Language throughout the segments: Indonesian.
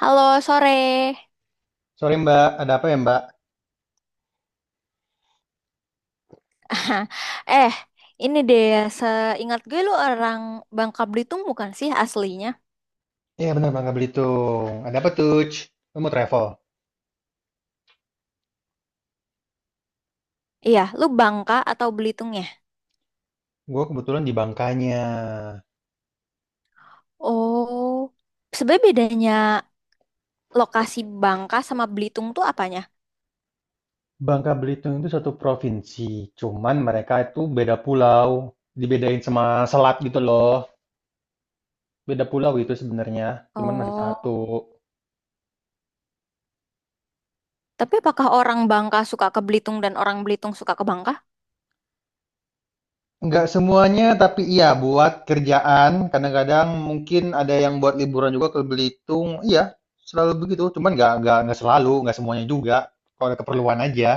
Halo, sore. Sorry Mbak, ada apa ya Mbak? Eh, ini deh, seingat gue lu orang Bangka Belitung bukan sih aslinya? Iya benar Bangka Belitung. Ada apa tuh? Lu mau travel? Iya, lu Bangka atau Belitung ya? Gue kebetulan di Bangkanya. Oh, sebenarnya bedanya lokasi Bangka sama Belitung tuh apanya? Bangka Belitung itu satu provinsi, cuman mereka itu beda pulau, dibedain sama selat gitu loh. Beda pulau itu sebenarnya, cuman masih Oh, satu. tapi apakah orang Bangka suka ke Belitung dan orang Belitung suka ke Bangka? Nggak semuanya, tapi iya buat kerjaan. Kadang-kadang mungkin ada yang buat liburan juga ke Belitung. Iya, selalu begitu. Cuman nggak selalu, nggak semuanya juga. Kalau ada keperluan aja.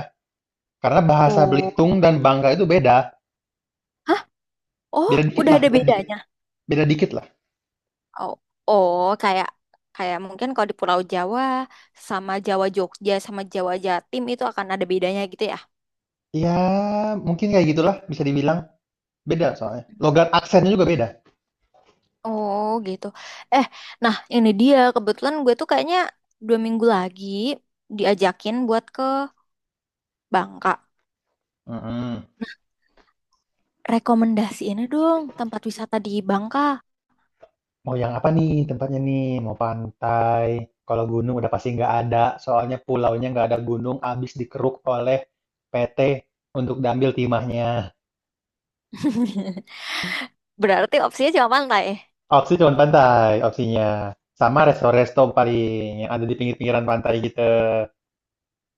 Karena bahasa Oh, Belitung dan Bangka itu beda. hah? Oh, Beda dikit udah lah, ada beda dikit. bedanya. Beda dikit lah. Oh, oh, kayak kayak mungkin kalau di Pulau Jawa sama Jawa Jogja sama Jawa Jatim itu akan ada bedanya gitu ya? Ya, mungkin kayak gitulah bisa dibilang. Beda soalnya. Logat aksennya juga beda. Oh gitu. Eh, nah ini dia kebetulan gue tuh kayaknya 2 minggu lagi diajakin buat ke Bangka. Mm-mm. Rekomendasi ini dong tempat wisata di Bangka. Mau yang apa nih tempatnya nih? Mau pantai. Kalau gunung udah pasti nggak ada. Soalnya pulaunya nggak ada gunung, abis dikeruk oleh PT untuk diambil timahnya. Berarti opsinya cuma pantai. Opsi cuma pantai, opsinya. Sama resto-resto paling yang ada di pinggir-pinggiran pantai gitu.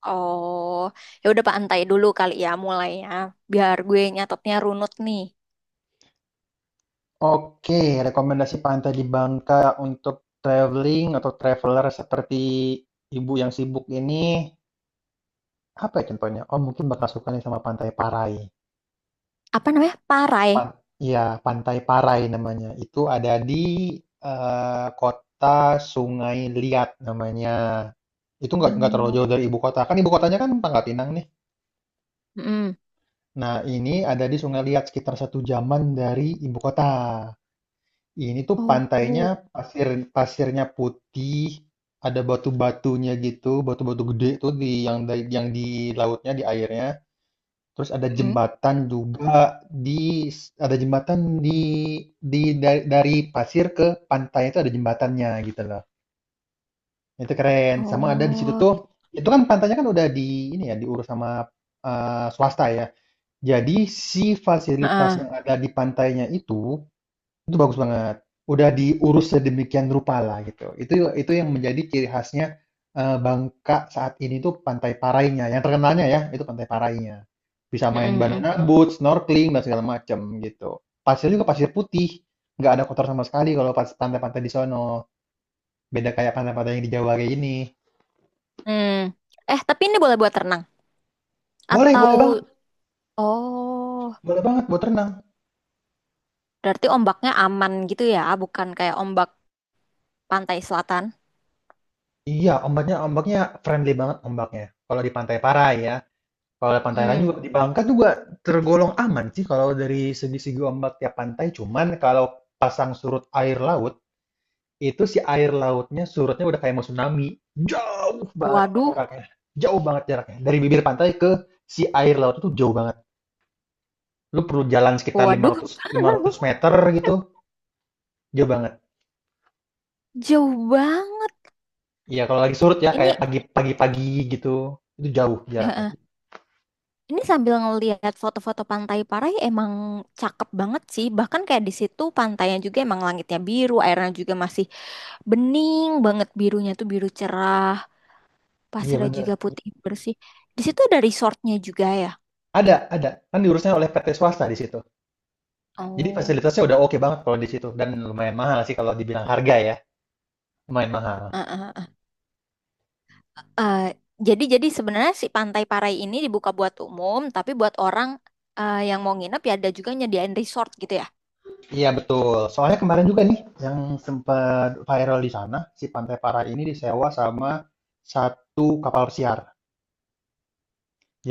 Oh, ya udah pantai dulu kali ya mulainya. Biar gue nyatetnya runut nih. Oke, rekomendasi pantai di Bangka untuk traveling atau traveler seperti ibu yang sibuk ini, apa ya contohnya? Oh, mungkin bakal suka nih sama Pantai Parai. Apa namanya? Parai. Pan ya, Pantai Parai namanya. Itu ada di kota Sungai Liat namanya. Itu nggak Hmm. terlalu jauh dari ibu kota. Kan ibu kotanya kan Pangkal Pinang nih. Mm-mm. Nah, ini ada di Sungai Liat sekitar satu jaman dari ibu kota. Ini tuh Oh, pantainya oh. pasir pasirnya putih, ada batu-batunya gitu, batu-batu gede tuh di yang yang di lautnya, di airnya. Terus ada Mm-mm. jembatan juga di, ada jembatan di di dari pasir ke pantai itu ada jembatannya gitu loh. Itu keren. Sama ada di situ Oh, gitu. tuh itu kan pantainya kan udah di ini ya diurus sama swasta ya. Jadi si fasilitas Heeh. yang ada di pantainya itu bagus banget. Udah diurus sedemikian rupa lah gitu. Itu yang menjadi ciri khasnya, Bangka saat ini tuh Pantai Parainya, yang terkenalnya ya, itu Pantai Parainya. Bisa main Mm-mm. banana boat, snorkeling, dan segala macam gitu. Pasirnya juga pasir putih, nggak ada kotor sama sekali kalau pas pantai-pantai di sono, beda kayak pantai-pantai yang di Jawa kayak gini. Mm. Eh, tapi ini boleh buat renang Boleh, boleh atau banget, Oh, boleh banget buat renang. berarti ombaknya aman gitu ya, bukan kayak ombak pantai selatan. Iya, ombaknya ombaknya friendly banget ombaknya, kalau di Pantai Parai ya. Kalau ada pantai lain juga Hmm. di Bangka juga tergolong aman sih kalau dari segi-segi ombak tiap pantai. Cuman kalau pasang surut air laut, itu si air lautnya surutnya udah kayak mau tsunami. Jauh banget Waduh, jaraknya. Jauh banget jaraknya. Dari bibir pantai ke si air laut itu jauh banget. Lu perlu jalan sekitar waduh, 500 meter gitu. Jauh banget. jauh banget. Iya, kalau lagi surut ya kayak Ini, pagi gitu. Itu jauh jaraknya. heeh. Ini sambil ngelihat foto-foto pantai Parai emang cakep banget sih. Bahkan kayak di situ pantainya juga emang langitnya biru, airnya juga masih bening banget birunya tuh biru cerah, Iya pasirnya juga bener. putih bersih. Di situ ada resortnya juga ya. Ada, ada. Kan diurusnya oleh PT swasta di situ. Jadi Oh, fasilitasnya udah oke banget kalau di situ dan lumayan mahal sih kalau dibilang harga ya, lumayan mahal. heeh. Eh, jadi sebenarnya si Pantai Parai ini dibuka buat umum, tapi buat orang yang mau nginep ya ada juga nyediain resort gitu ya. Iya betul. Soalnya kemarin juga nih yang sempat viral di sana, si Pantai para ini disewa sama satu kapal pesiar.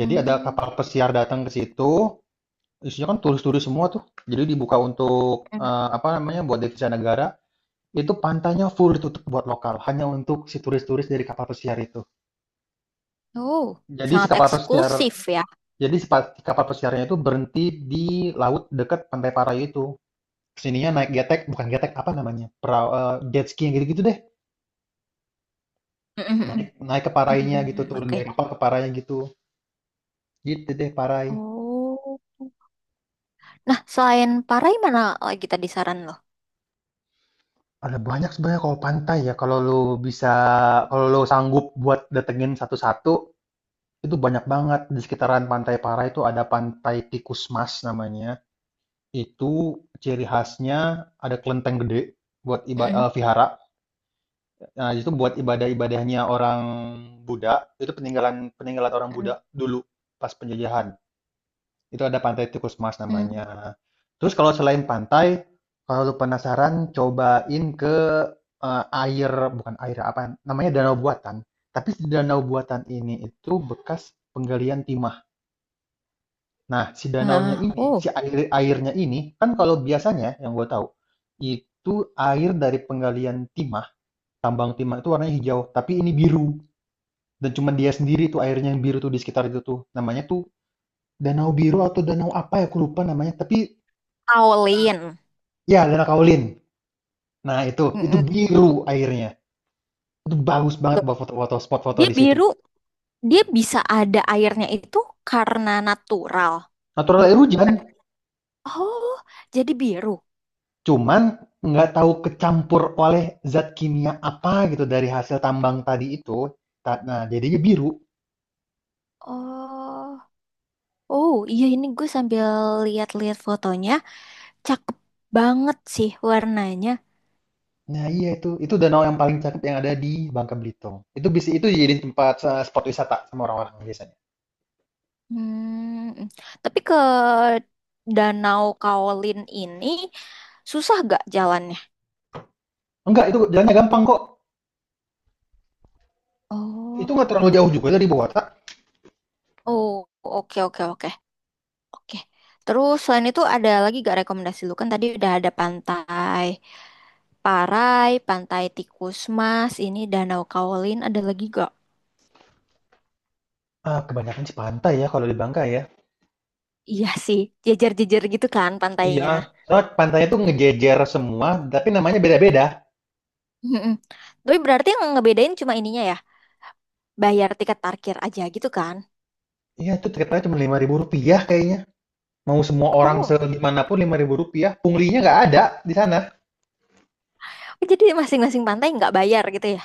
Jadi ada kapal pesiar datang ke situ, isinya kan turis-turis semua tuh. Jadi dibuka untuk Hmm. Apa namanya buat devisa negara. Itu pantainya full ditutup buat lokal, hanya untuk si turis-turis dari kapal pesiar itu. Oh, Jadi si sangat kapal pesiar eksklusif ya. Jadi kapal pesiarnya itu berhenti di laut dekat Pantai Parai itu. Kesininya naik getek, bukan getek, apa namanya? Perahu, jet ski yang gitu-gitu deh. Naik Mhm. naik ke Parainya gitu, Mhm. turun Oke. dari kapal ke Parainya gitu. Gitu deh Parai. Oh. Nah, selain Parai mana lagi tadi saran lo? Ada banyak sebenarnya kalau pantai ya, bisa kalau lu sanggup buat datengin satu-satu, itu banyak banget. Di sekitaran Pantai Parai itu ada Pantai Tikus Mas namanya. Itu ciri khasnya ada kelenteng gede buat Mm-mm. Vihara. Nah, itu buat ibadah-ibadahnya orang Buddha, itu peninggalan peninggalan orang Mm. Buddha dulu pas penjajahan. Itu ada Pantai Tikus Mas namanya. Terus kalau selain pantai, kalau lu penasaran cobain ke eh, air bukan air apa namanya danau buatan. Tapi si danau buatan ini itu bekas penggalian timah. Nah, si danaunya Ah, ini, oh, si airnya ini kan kalau biasanya yang gue tahu itu air dari penggalian timah, tambang timah itu warnanya hijau, tapi ini biru. Dan cuma dia sendiri tuh airnya yang biru tuh di sekitar itu tuh. Namanya tuh danau biru atau danau apa ya aku lupa namanya. Tapi kaolin. ya Danau Kaolin. Nah itu Mm. biru airnya. Itu bagus banget Loh, buat foto-foto spot foto dia di situ. biru, dia bisa ada airnya itu karena natural, Natural air hujan, bukan. Oh, jadi biru. cuman nggak tahu kecampur oleh zat kimia apa gitu dari hasil tambang tadi itu. Nah jadinya biru. Oh, oh iya ini gue sambil lihat-lihat fotonya, cakep banget sih warnanya. Nah iya itu danau yang paling cakep yang ada di Bangka Belitung. Itu bisa itu jadi tempat spot wisata sama orang-orang biasanya. Hmm, tapi ke Danau Kaolin ini susah gak jalannya? Enggak itu jalannya gampang kok. Itu Oh, nggak terlalu jauh juga dari Bogor. oh, oke, oke, oke, oke. Terus selain itu ada lagi gak rekomendasi lu kan tadi udah ada pantai Parai, pantai Tikus Mas, ini Danau Kaolin ada lagi gak? Ah, kebanyakan sih pantai ya kalau di Bangka ya. Iya sih, jejer-jejer gitu kan Iya, pantainya. soalnya pantainya tuh ngejejer semua, tapi namanya beda-beda. Mm-mm. Tapi berarti yang ngebedain cuma ininya ya, bayar tiket parkir aja gitu kan? Iya, itu tiketnya cuma Rp5.000 kayaknya. Mau semua orang Oh. segimanapun Rp5.000. Punglinya nggak ada di sana. Oh, jadi masing-masing pantai nggak bayar gitu ya?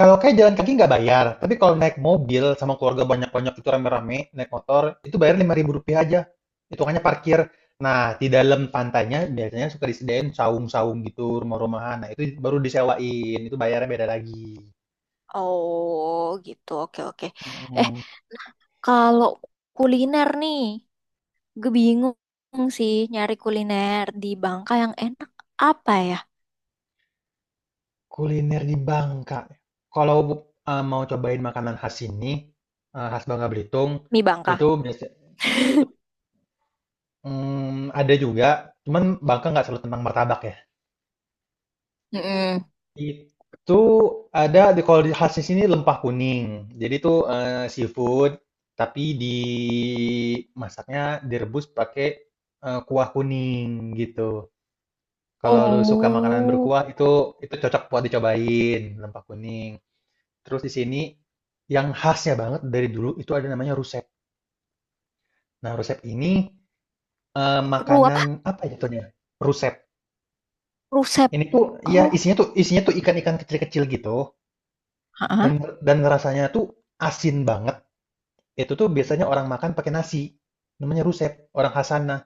Kalau kayak jalan kaki nggak bayar, tapi kalau naik mobil sama keluarga banyak-banyak itu rame-rame, naik motor, itu bayar Rp5.000 aja. Hitungannya parkir. Nah, di dalam pantainya biasanya suka disediain saung-saung gitu, rumah-rumahan. Nah, itu baru disewain, itu bayarnya beda lagi. Oh gitu, oke oke. Eh Mm. kalau kuliner nih, gue bingung sih nyari kuliner di Bangka yang enak apa ya? Kuliner di Bangka, kalau, mau cobain makanan khas sini, khas Bangka Belitung, Mie Bangka. itu biasa ada juga, cuman Bangka nggak selalu tentang martabak ya. Mm-mm. Itu ada di kalau di khas di sini lempah kuning. Jadi itu, seafood, tapi dimasaknya, direbus pakai, kuah kuning, gitu. Kalau lu suka makanan Oh, berkuah, itu cocok buat dicobain, lempah kuning. Terus di sini yang khasnya banget dari dulu itu ada namanya rusep. Nah, rusep ini ru makanan apa? apa ya jatuhnya? Rusep. Rusep. Ini tuh ya Oh, isinya tuh ikan-ikan kecil-kecil gitu dan heeh. dan rasanya tuh asin banget. Itu tuh biasanya orang makan pakai nasi. Namanya rusep, orang khas sana.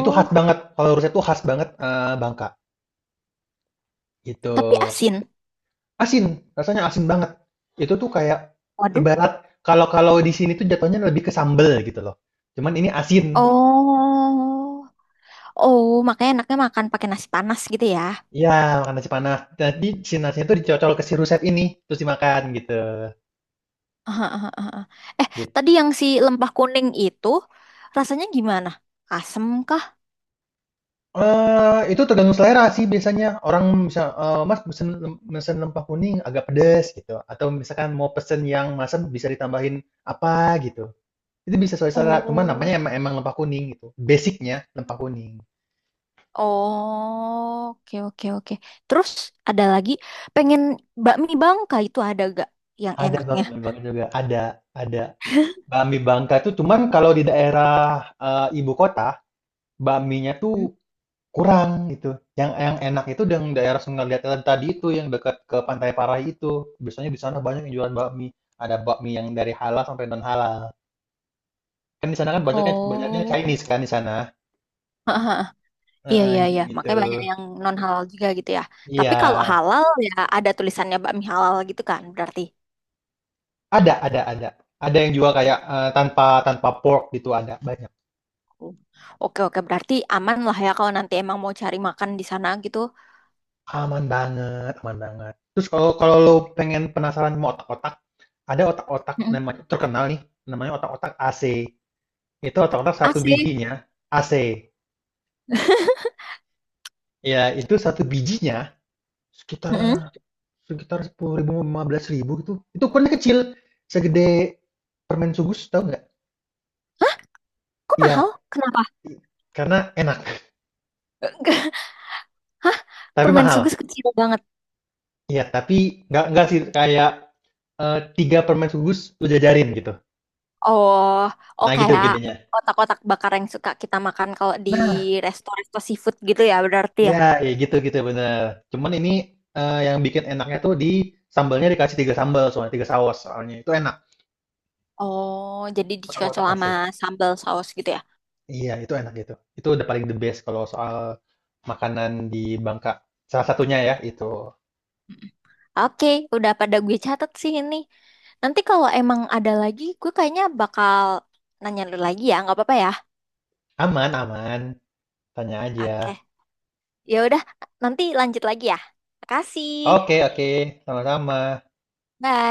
Itu khas banget. Kalau rusep tuh khas banget Bangka. Gitu. tapi asin. Asin, rasanya asin banget. Itu tuh kayak Waduh. ibarat kalau kalau di sini tuh jatuhnya lebih ke sambel gitu loh. Cuman ini asin. Oh. Oh, makanya enaknya makan pakai nasi panas gitu ya. Iya, makan nasi panas. Jadi si nasinya itu dicocol ke si rusep ini, terus dimakan gitu. Aha, aha, aha. Eh, Gitu. tadi yang si lempah kuning itu rasanya gimana? Asem kah? Itu tergantung selera sih biasanya. Orang bisa, Mas pesen pesen lempah kuning agak pedes gitu. Atau misalkan mau pesen yang masam bisa ditambahin apa gitu. Itu bisa sesuai selera. Cuman Oh, namanya emang lempah kuning gitu. Basicnya lempah kuning. oh, oke oke oke. Terus ada lagi pengen bakmi Bangka itu ada gak yang Ada enaknya? bami mie Bangka juga. Ada, ada. Bami Bangka tuh cuman kalau di daerah ibu kota, bakminya tuh Hmm? kurang gitu, yang enak itu yang daerah Sungai Latihan tadi itu, yang dekat ke Pantai Parai itu. Biasanya di sana banyak yang jualan bakmi, ada bakmi yang dari halal sampai non halal. Kan di sana kan banyaknya banyaknya Oh, Chinese kan di sana, aha, aha. Iya heeh, iya jadi iya. begitu. Makanya banyak yang non halal juga gitu ya. Iya, Tapi kalau halal ya ada tulisannya bakmi halal gitu kan berarti. Ada ada. Ada yang jual kayak, tanpa tanpa pork gitu ada, banyak. Oke, oke, berarti aman lah ya kalau nanti emang mau cari makan di sana gitu. Aman banget aman banget. Terus kalau kalau lo pengen penasaran mau otak-otak, ada otak-otak Mm-mm. namanya terkenal nih, namanya otak-otak AC. Itu otak-otak satu Asik. bijinya, AC. Ya itu satu bijinya sekitar Mm-mm. sekitar Rp10.000, Rp15.000 gitu. Itu ukurannya kecil, segede permen sugus, tau nggak? Hah? Kok mahal? Iya, Kenapa? karena enak, Hah? tapi Permen sugus mahal. kecil banget. Iya, tapi nggak sih, kayak, 3 permen sugus lu jajarin gitu. Oh, oh Nah gitu kayak gedenya. kotak-kotak bakar yang suka kita makan kalau di Nah, resto-resto seafood gitu ya berarti ya. ya ya gitu gitu, bener. Cuman ini, yang bikin enaknya tuh di sambalnya dikasih 3 sambal soalnya, 3 saus soalnya, itu enak, Oh, jadi dicocol kotak-kotak sama asli. sambal saus gitu ya. Iya, itu enak itu. Itu udah paling the best kalau soal makanan di Bangka. Salah satunya ya, itu. Oke, udah pada gue catat sih ini. Nanti kalau emang ada lagi, gue kayaknya bakal nanya lu lagi ya, nggak apa-apa ya? Aman, aman. Tanya aja. Oke. Ya udah, nanti lanjut lagi ya. Makasih. Oke, oke. Sama-sama. Bye.